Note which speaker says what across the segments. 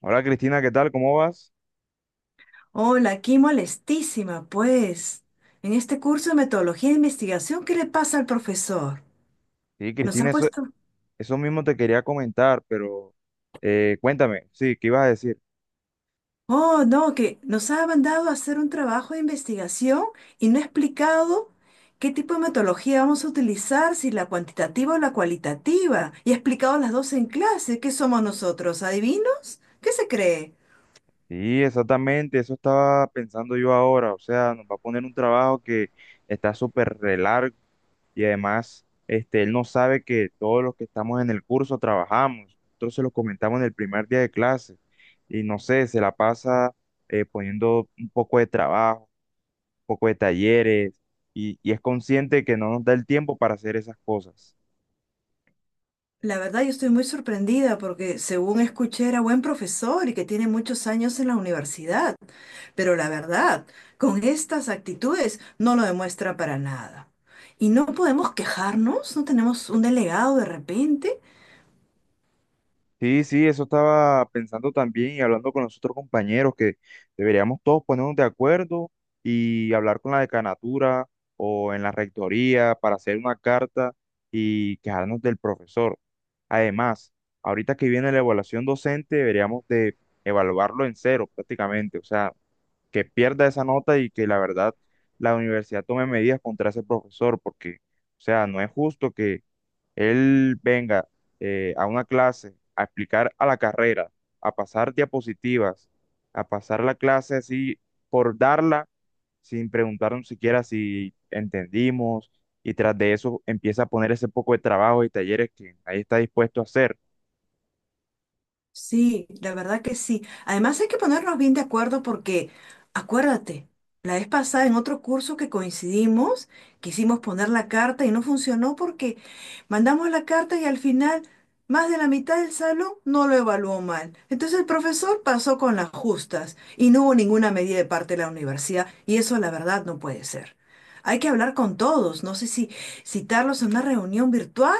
Speaker 1: Hola Cristina, ¿qué tal? ¿Cómo vas?
Speaker 2: Hola, aquí molestísima, pues. En este curso de metodología de investigación, ¿qué le pasa al profesor?
Speaker 1: Sí,
Speaker 2: Nos ha
Speaker 1: Cristina, eso,
Speaker 2: puesto...
Speaker 1: eso mismo te quería comentar, pero cuéntame, sí, ¿qué ibas a decir?
Speaker 2: Oh, no, que nos ha mandado a hacer un trabajo de investigación y no ha explicado qué tipo de metodología vamos a utilizar, si la cuantitativa o la cualitativa. Y ha explicado las dos en clase. ¿Qué somos nosotros? ¿Adivinos? ¿Qué se cree?
Speaker 1: Sí, exactamente, eso estaba pensando yo ahora, o sea, nos va a poner un trabajo que está súper re largo y además él no sabe que todos los que estamos en el curso trabajamos, nosotros se lo comentamos en el primer día de clase y no sé, se la pasa poniendo un poco de trabajo, un poco de talleres y es consciente que no nos da el tiempo para hacer esas cosas.
Speaker 2: La verdad, yo estoy muy sorprendida porque según escuché era buen profesor y que tiene muchos años en la universidad, pero la verdad, con estas actitudes no lo demuestra para nada. ¿Y no podemos quejarnos? ¿No tenemos un delegado de repente?
Speaker 1: Sí, sí, eso estaba pensando también y hablando con los otros compañeros que deberíamos todos ponernos de acuerdo y hablar con la decanatura o en la rectoría para hacer una carta y quejarnos del profesor. Además, ahorita que viene la evaluación docente, deberíamos de evaluarlo en cero prácticamente, o sea, que pierda esa nota y que la verdad la universidad tome medidas contra ese profesor porque, o sea, no es justo él venga a una clase a explicar a la carrera, a pasar diapositivas, a pasar la clase así por darla sin preguntarnos siquiera si entendimos y tras de eso empieza a poner ese poco de trabajo y talleres que ahí está dispuesto a hacer.
Speaker 2: Sí, la verdad que sí. Además hay que ponernos bien de acuerdo porque, acuérdate, la vez pasada en otro curso que coincidimos, quisimos poner la carta y no funcionó porque mandamos la carta y al final más de la mitad del salón no lo evaluó mal. Entonces el profesor pasó con las justas y no hubo ninguna medida de parte de la universidad y eso la verdad no puede ser. Hay que hablar con todos, no sé si citarlos en una reunión virtual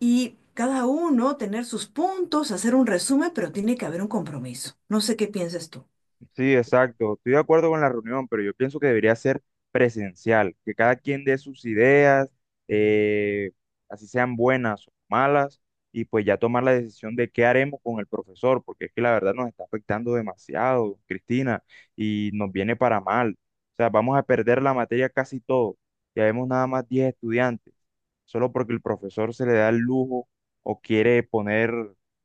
Speaker 2: y cada uno tener sus puntos, hacer un resumen, pero tiene que haber un compromiso. No sé qué piensas tú.
Speaker 1: Sí, exacto. Estoy de acuerdo con la reunión, pero yo pienso que debería ser presencial, que cada quien dé sus ideas, eh, así sean buenas o malas, y pues ya tomar la decisión de qué haremos con el profesor, porque es que la verdad nos está afectando demasiado, Cristina, y nos viene para mal. O sea, vamos a perder la materia casi todo. Ya vemos nada más 10 estudiantes, solo porque el profesor se le da el lujo o quiere poner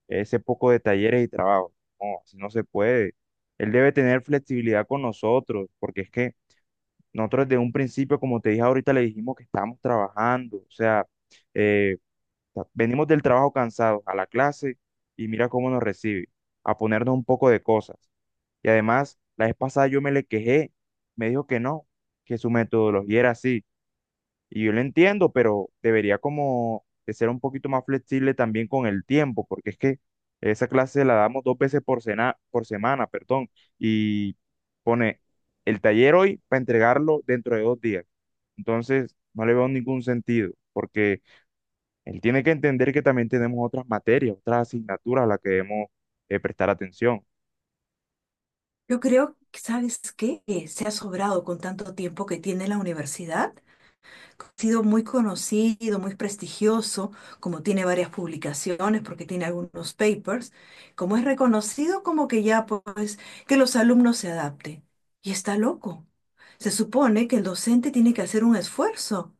Speaker 1: ese poco de talleres y trabajos. No, así no se puede. Él debe tener flexibilidad con nosotros, porque es que nosotros desde un principio, como te dije ahorita, le dijimos que estamos trabajando, o sea, eh, venimos del trabajo cansados a la clase y mira cómo nos recibe, a ponernos un poco de cosas. Y además, la vez pasada yo me le quejé, me dijo que no, que su metodología era así. Y yo lo entiendo, pero debería como de ser un poquito más flexible también con el tiempo, porque es que esa clase la damos dos veces por semana, perdón, y pone el taller hoy para entregarlo dentro de 2 días. Entonces, no le veo ningún sentido, porque él tiene que entender que también tenemos otras materias, otras asignaturas a las que debemos prestar atención.
Speaker 2: Yo creo que, ¿sabes qué? Se ha sobrado con tanto tiempo que tiene la universidad, ha sido muy conocido, muy prestigioso, como tiene varias publicaciones, porque tiene algunos papers, como es reconocido, como que ya pues que los alumnos se adapten. Y está loco. Se supone que el docente tiene que hacer un esfuerzo.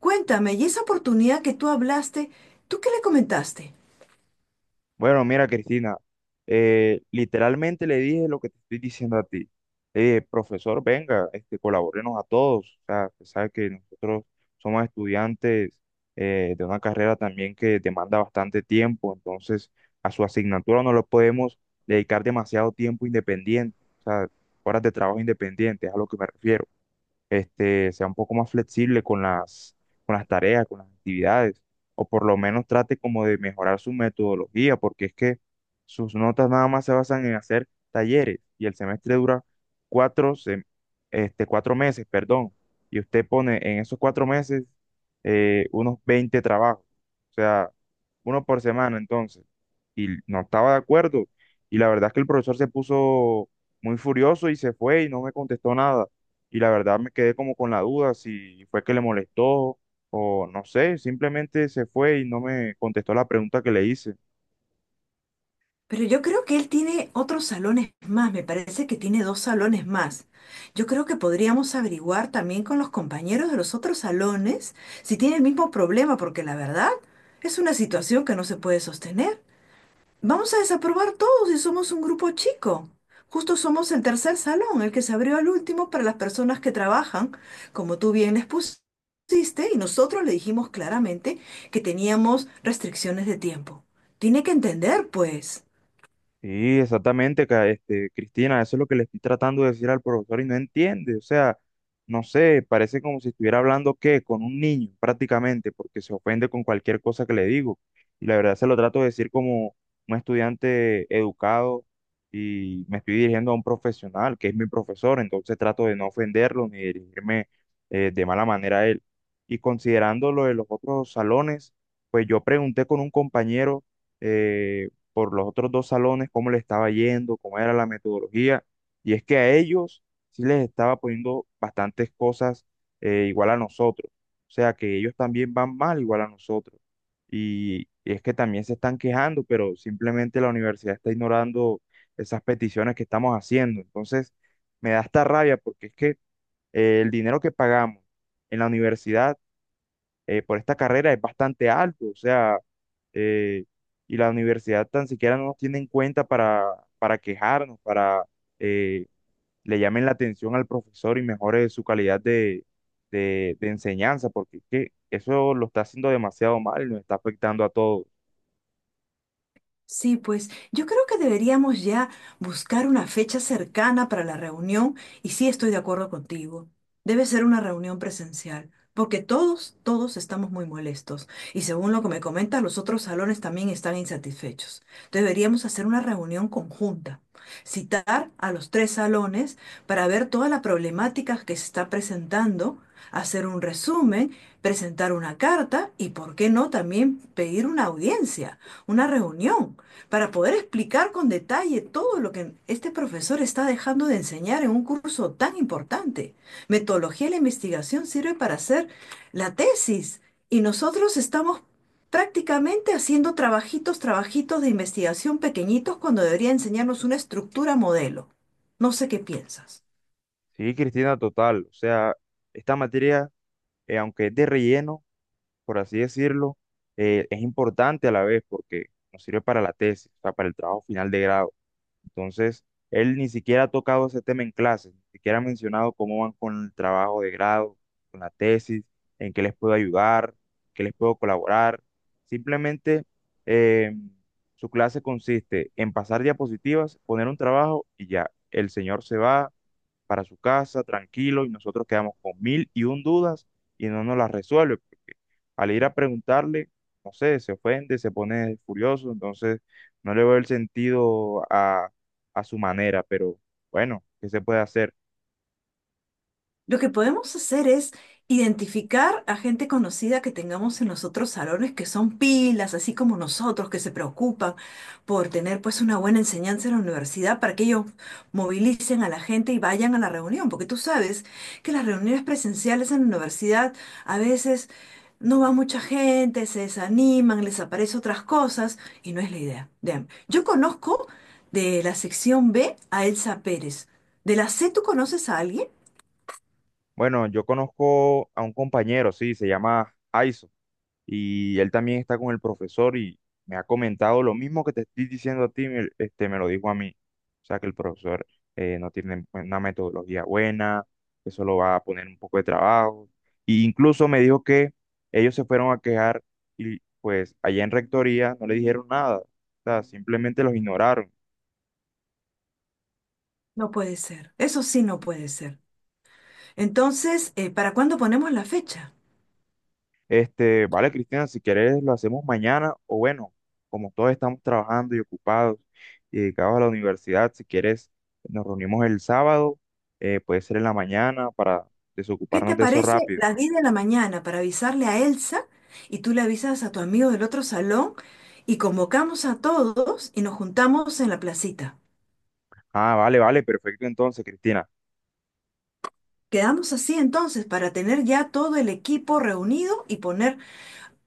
Speaker 2: Cuéntame, ¿y esa oportunidad que tú hablaste, tú qué le comentaste?
Speaker 1: Bueno, mira, Cristina, literalmente le dije lo que te estoy diciendo a ti. Le dije, profesor, venga, colaborenos a todos. O sea, usted sabe que nosotros somos estudiantes de una carrera también que demanda bastante tiempo, entonces a su asignatura no le podemos dedicar demasiado tiempo independiente, o sea, horas de trabajo independiente, es a lo que me refiero sea un poco más flexible con las tareas, con las actividades, o por lo menos trate como de mejorar su metodología, porque es que sus notas nada más se basan en hacer talleres y el semestre dura cuatro, sem- 4 meses, perdón, y usted pone en esos 4 meses unos 20 trabajos, o sea, uno por semana entonces, y no estaba de acuerdo, y la verdad es que el profesor se puso muy furioso y se fue y no me contestó nada y la verdad me quedé como con la duda si fue que le molestó o no sé, simplemente se fue y no me contestó la pregunta que le hice.
Speaker 2: Pero yo creo que él tiene otros salones más, me parece que tiene dos salones más. Yo creo que podríamos averiguar también con los compañeros de los otros salones si tiene el mismo problema, porque la verdad es una situación que no se puede sostener. Vamos a desaprobar todos si somos un grupo chico. Justo somos el tercer salón, el que se abrió al último para las personas que trabajan, como tú bien les pusiste, y nosotros le dijimos claramente que teníamos restricciones de tiempo. Tiene que entender, pues.
Speaker 1: Sí, exactamente, Cristina, eso es lo que le estoy tratando de decir al profesor y no entiende, o sea, no sé, parece como si estuviera hablando qué, con un niño prácticamente, porque se ofende con cualquier cosa que le digo. Y la verdad se lo trato de decir como un estudiante educado y me estoy dirigiendo a un profesional, que es mi profesor, entonces trato de no ofenderlo ni dirigirme de mala manera a él. Y considerando lo de los otros salones, pues yo pregunté con un compañero. eh, por los otros dos salones cómo le estaba yendo, cómo era la metodología. Y es que a ellos sí les estaba poniendo bastantes cosas igual a nosotros. O sea, que ellos también van mal igual a nosotros. Y es que también se están quejando, pero simplemente la universidad está ignorando esas peticiones que estamos haciendo. Entonces, me da esta rabia porque es que el dinero que pagamos en la universidad por esta carrera es bastante alto, o sea, eh, y la universidad tan siquiera no nos tiene en cuenta para quejarnos, para eh, le llamen la atención al profesor y mejore su calidad de enseñanza, porque es que eso lo está haciendo demasiado mal y nos está afectando a todos.
Speaker 2: Sí, pues yo creo que deberíamos ya buscar una fecha cercana para la reunión y sí estoy de acuerdo contigo. Debe ser una reunión presencial, porque todos, todos estamos muy molestos y según lo que me comentas, los otros salones también están insatisfechos. Deberíamos hacer una reunión conjunta, citar a los tres salones para ver toda la problemática que se está presentando, hacer un resumen, presentar una carta y, ¿por qué no, también pedir una audiencia, una reunión para poder explicar con detalle todo lo que este profesor está dejando de enseñar en un curso tan importante. Metodología de la investigación sirve para hacer la tesis y nosotros estamos prácticamente haciendo trabajitos, trabajitos de investigación pequeñitos cuando debería enseñarnos una estructura modelo. No sé qué piensas.
Speaker 1: Sí, Cristina, total, o sea, esta materia, aunque es de relleno, por así decirlo, es importante a la vez porque nos sirve para la tesis, o sea, para el trabajo final de grado. Entonces, él ni siquiera ha tocado ese tema en clase, ni siquiera ha mencionado cómo van con el trabajo de grado, con la tesis, en qué les puedo ayudar, qué les puedo colaborar. Simplemente eh, su clase consiste en pasar diapositivas, poner un trabajo y ya. El señor se va, para su casa, tranquilo, y nosotros quedamos con mil y un dudas y no nos las resuelve, porque al ir a preguntarle, no sé, se ofende, se pone furioso, entonces no le veo el sentido a su manera, pero bueno, ¿qué se puede hacer?
Speaker 2: Lo que podemos hacer es identificar a gente conocida que tengamos en los otros salones que son pilas, así como nosotros, que se preocupan por tener pues una buena enseñanza en la universidad para que ellos movilicen a la gente y vayan a la reunión, porque tú sabes que las reuniones presenciales en la universidad a veces no va mucha gente, se desaniman, les aparecen otras cosas y no es la idea. Vean, yo conozco de la sección B a Elsa Pérez. ¿De la C tú conoces a alguien?
Speaker 1: Bueno, yo conozco a un compañero, sí, se llama Aiso. Y él también está con el profesor y me ha comentado lo mismo que te estoy diciendo a ti, me lo dijo a mí. O sea, que el profesor no tiene una metodología buena, que solo va a poner un poco de trabajo. Y incluso me dijo que ellos se fueron a quejar y pues allá en rectoría no le dijeron nada. O sea, simplemente los ignoraron.
Speaker 2: No puede ser. Eso sí no puede ser. Entonces, ¿para cuándo ponemos la fecha?
Speaker 1: Vale, Cristian, si quieres lo hacemos mañana o bueno, como todos estamos trabajando y ocupados y dedicados a la universidad, si quieres nos reunimos el sábado, puede ser en la mañana para
Speaker 2: ¿Qué
Speaker 1: desocuparnos
Speaker 2: te
Speaker 1: de eso
Speaker 2: parece
Speaker 1: rápido.
Speaker 2: las 10 de la mañana para avisarle a Elsa y tú le avisas a tu amigo del otro salón y convocamos a todos y nos juntamos en la placita?
Speaker 1: Ah, vale, vale, perfecto entonces, Cristina.
Speaker 2: Quedamos así entonces para tener ya todo el equipo reunido y poner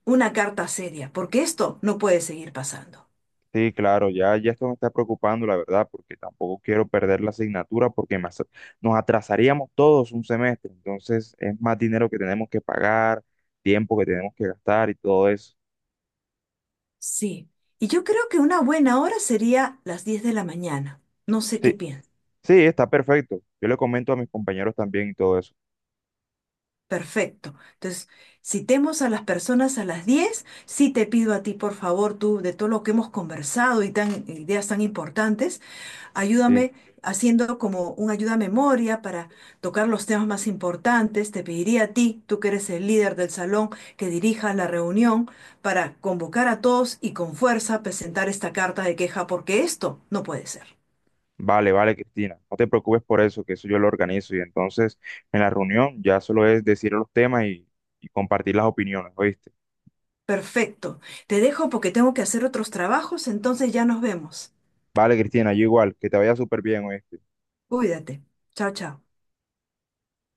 Speaker 2: una carta seria, porque esto no puede seguir pasando.
Speaker 1: Sí, claro, ya, ya esto me está preocupando, la verdad, porque tampoco quiero perder la asignatura porque nos atrasaríamos todos un semestre, entonces es más dinero que tenemos que pagar, tiempo que tenemos que gastar y todo eso.
Speaker 2: Sí. Y yo creo que una buena hora sería las 10 de la mañana. No sé qué
Speaker 1: Sí,
Speaker 2: piensas.
Speaker 1: sí, está perfecto. Yo le comento a mis compañeros también y todo eso.
Speaker 2: Perfecto. Entonces, citemos a las personas a las 10. Sí, te pido a ti, por favor, tú, de todo lo que hemos conversado y tan ideas tan importantes,
Speaker 1: Sí,
Speaker 2: ayúdame haciendo como un ayuda a memoria para tocar los temas más importantes. Te pediría a ti, tú que eres el líder del salón, que dirija la reunión para convocar a todos y con fuerza presentar esta carta de queja, porque esto no puede ser.
Speaker 1: vale, vale, Cristina. No te preocupes por eso, que eso yo lo organizo. Y entonces en la reunión ya solo es decir los temas y compartir las opiniones, ¿oíste?
Speaker 2: Perfecto. Te dejo porque tengo que hacer otros trabajos, entonces ya nos vemos.
Speaker 1: Vale, Cristina, yo igual. Que te vaya súper bien, ¿oíste?
Speaker 2: Cuídate. Chao, chao.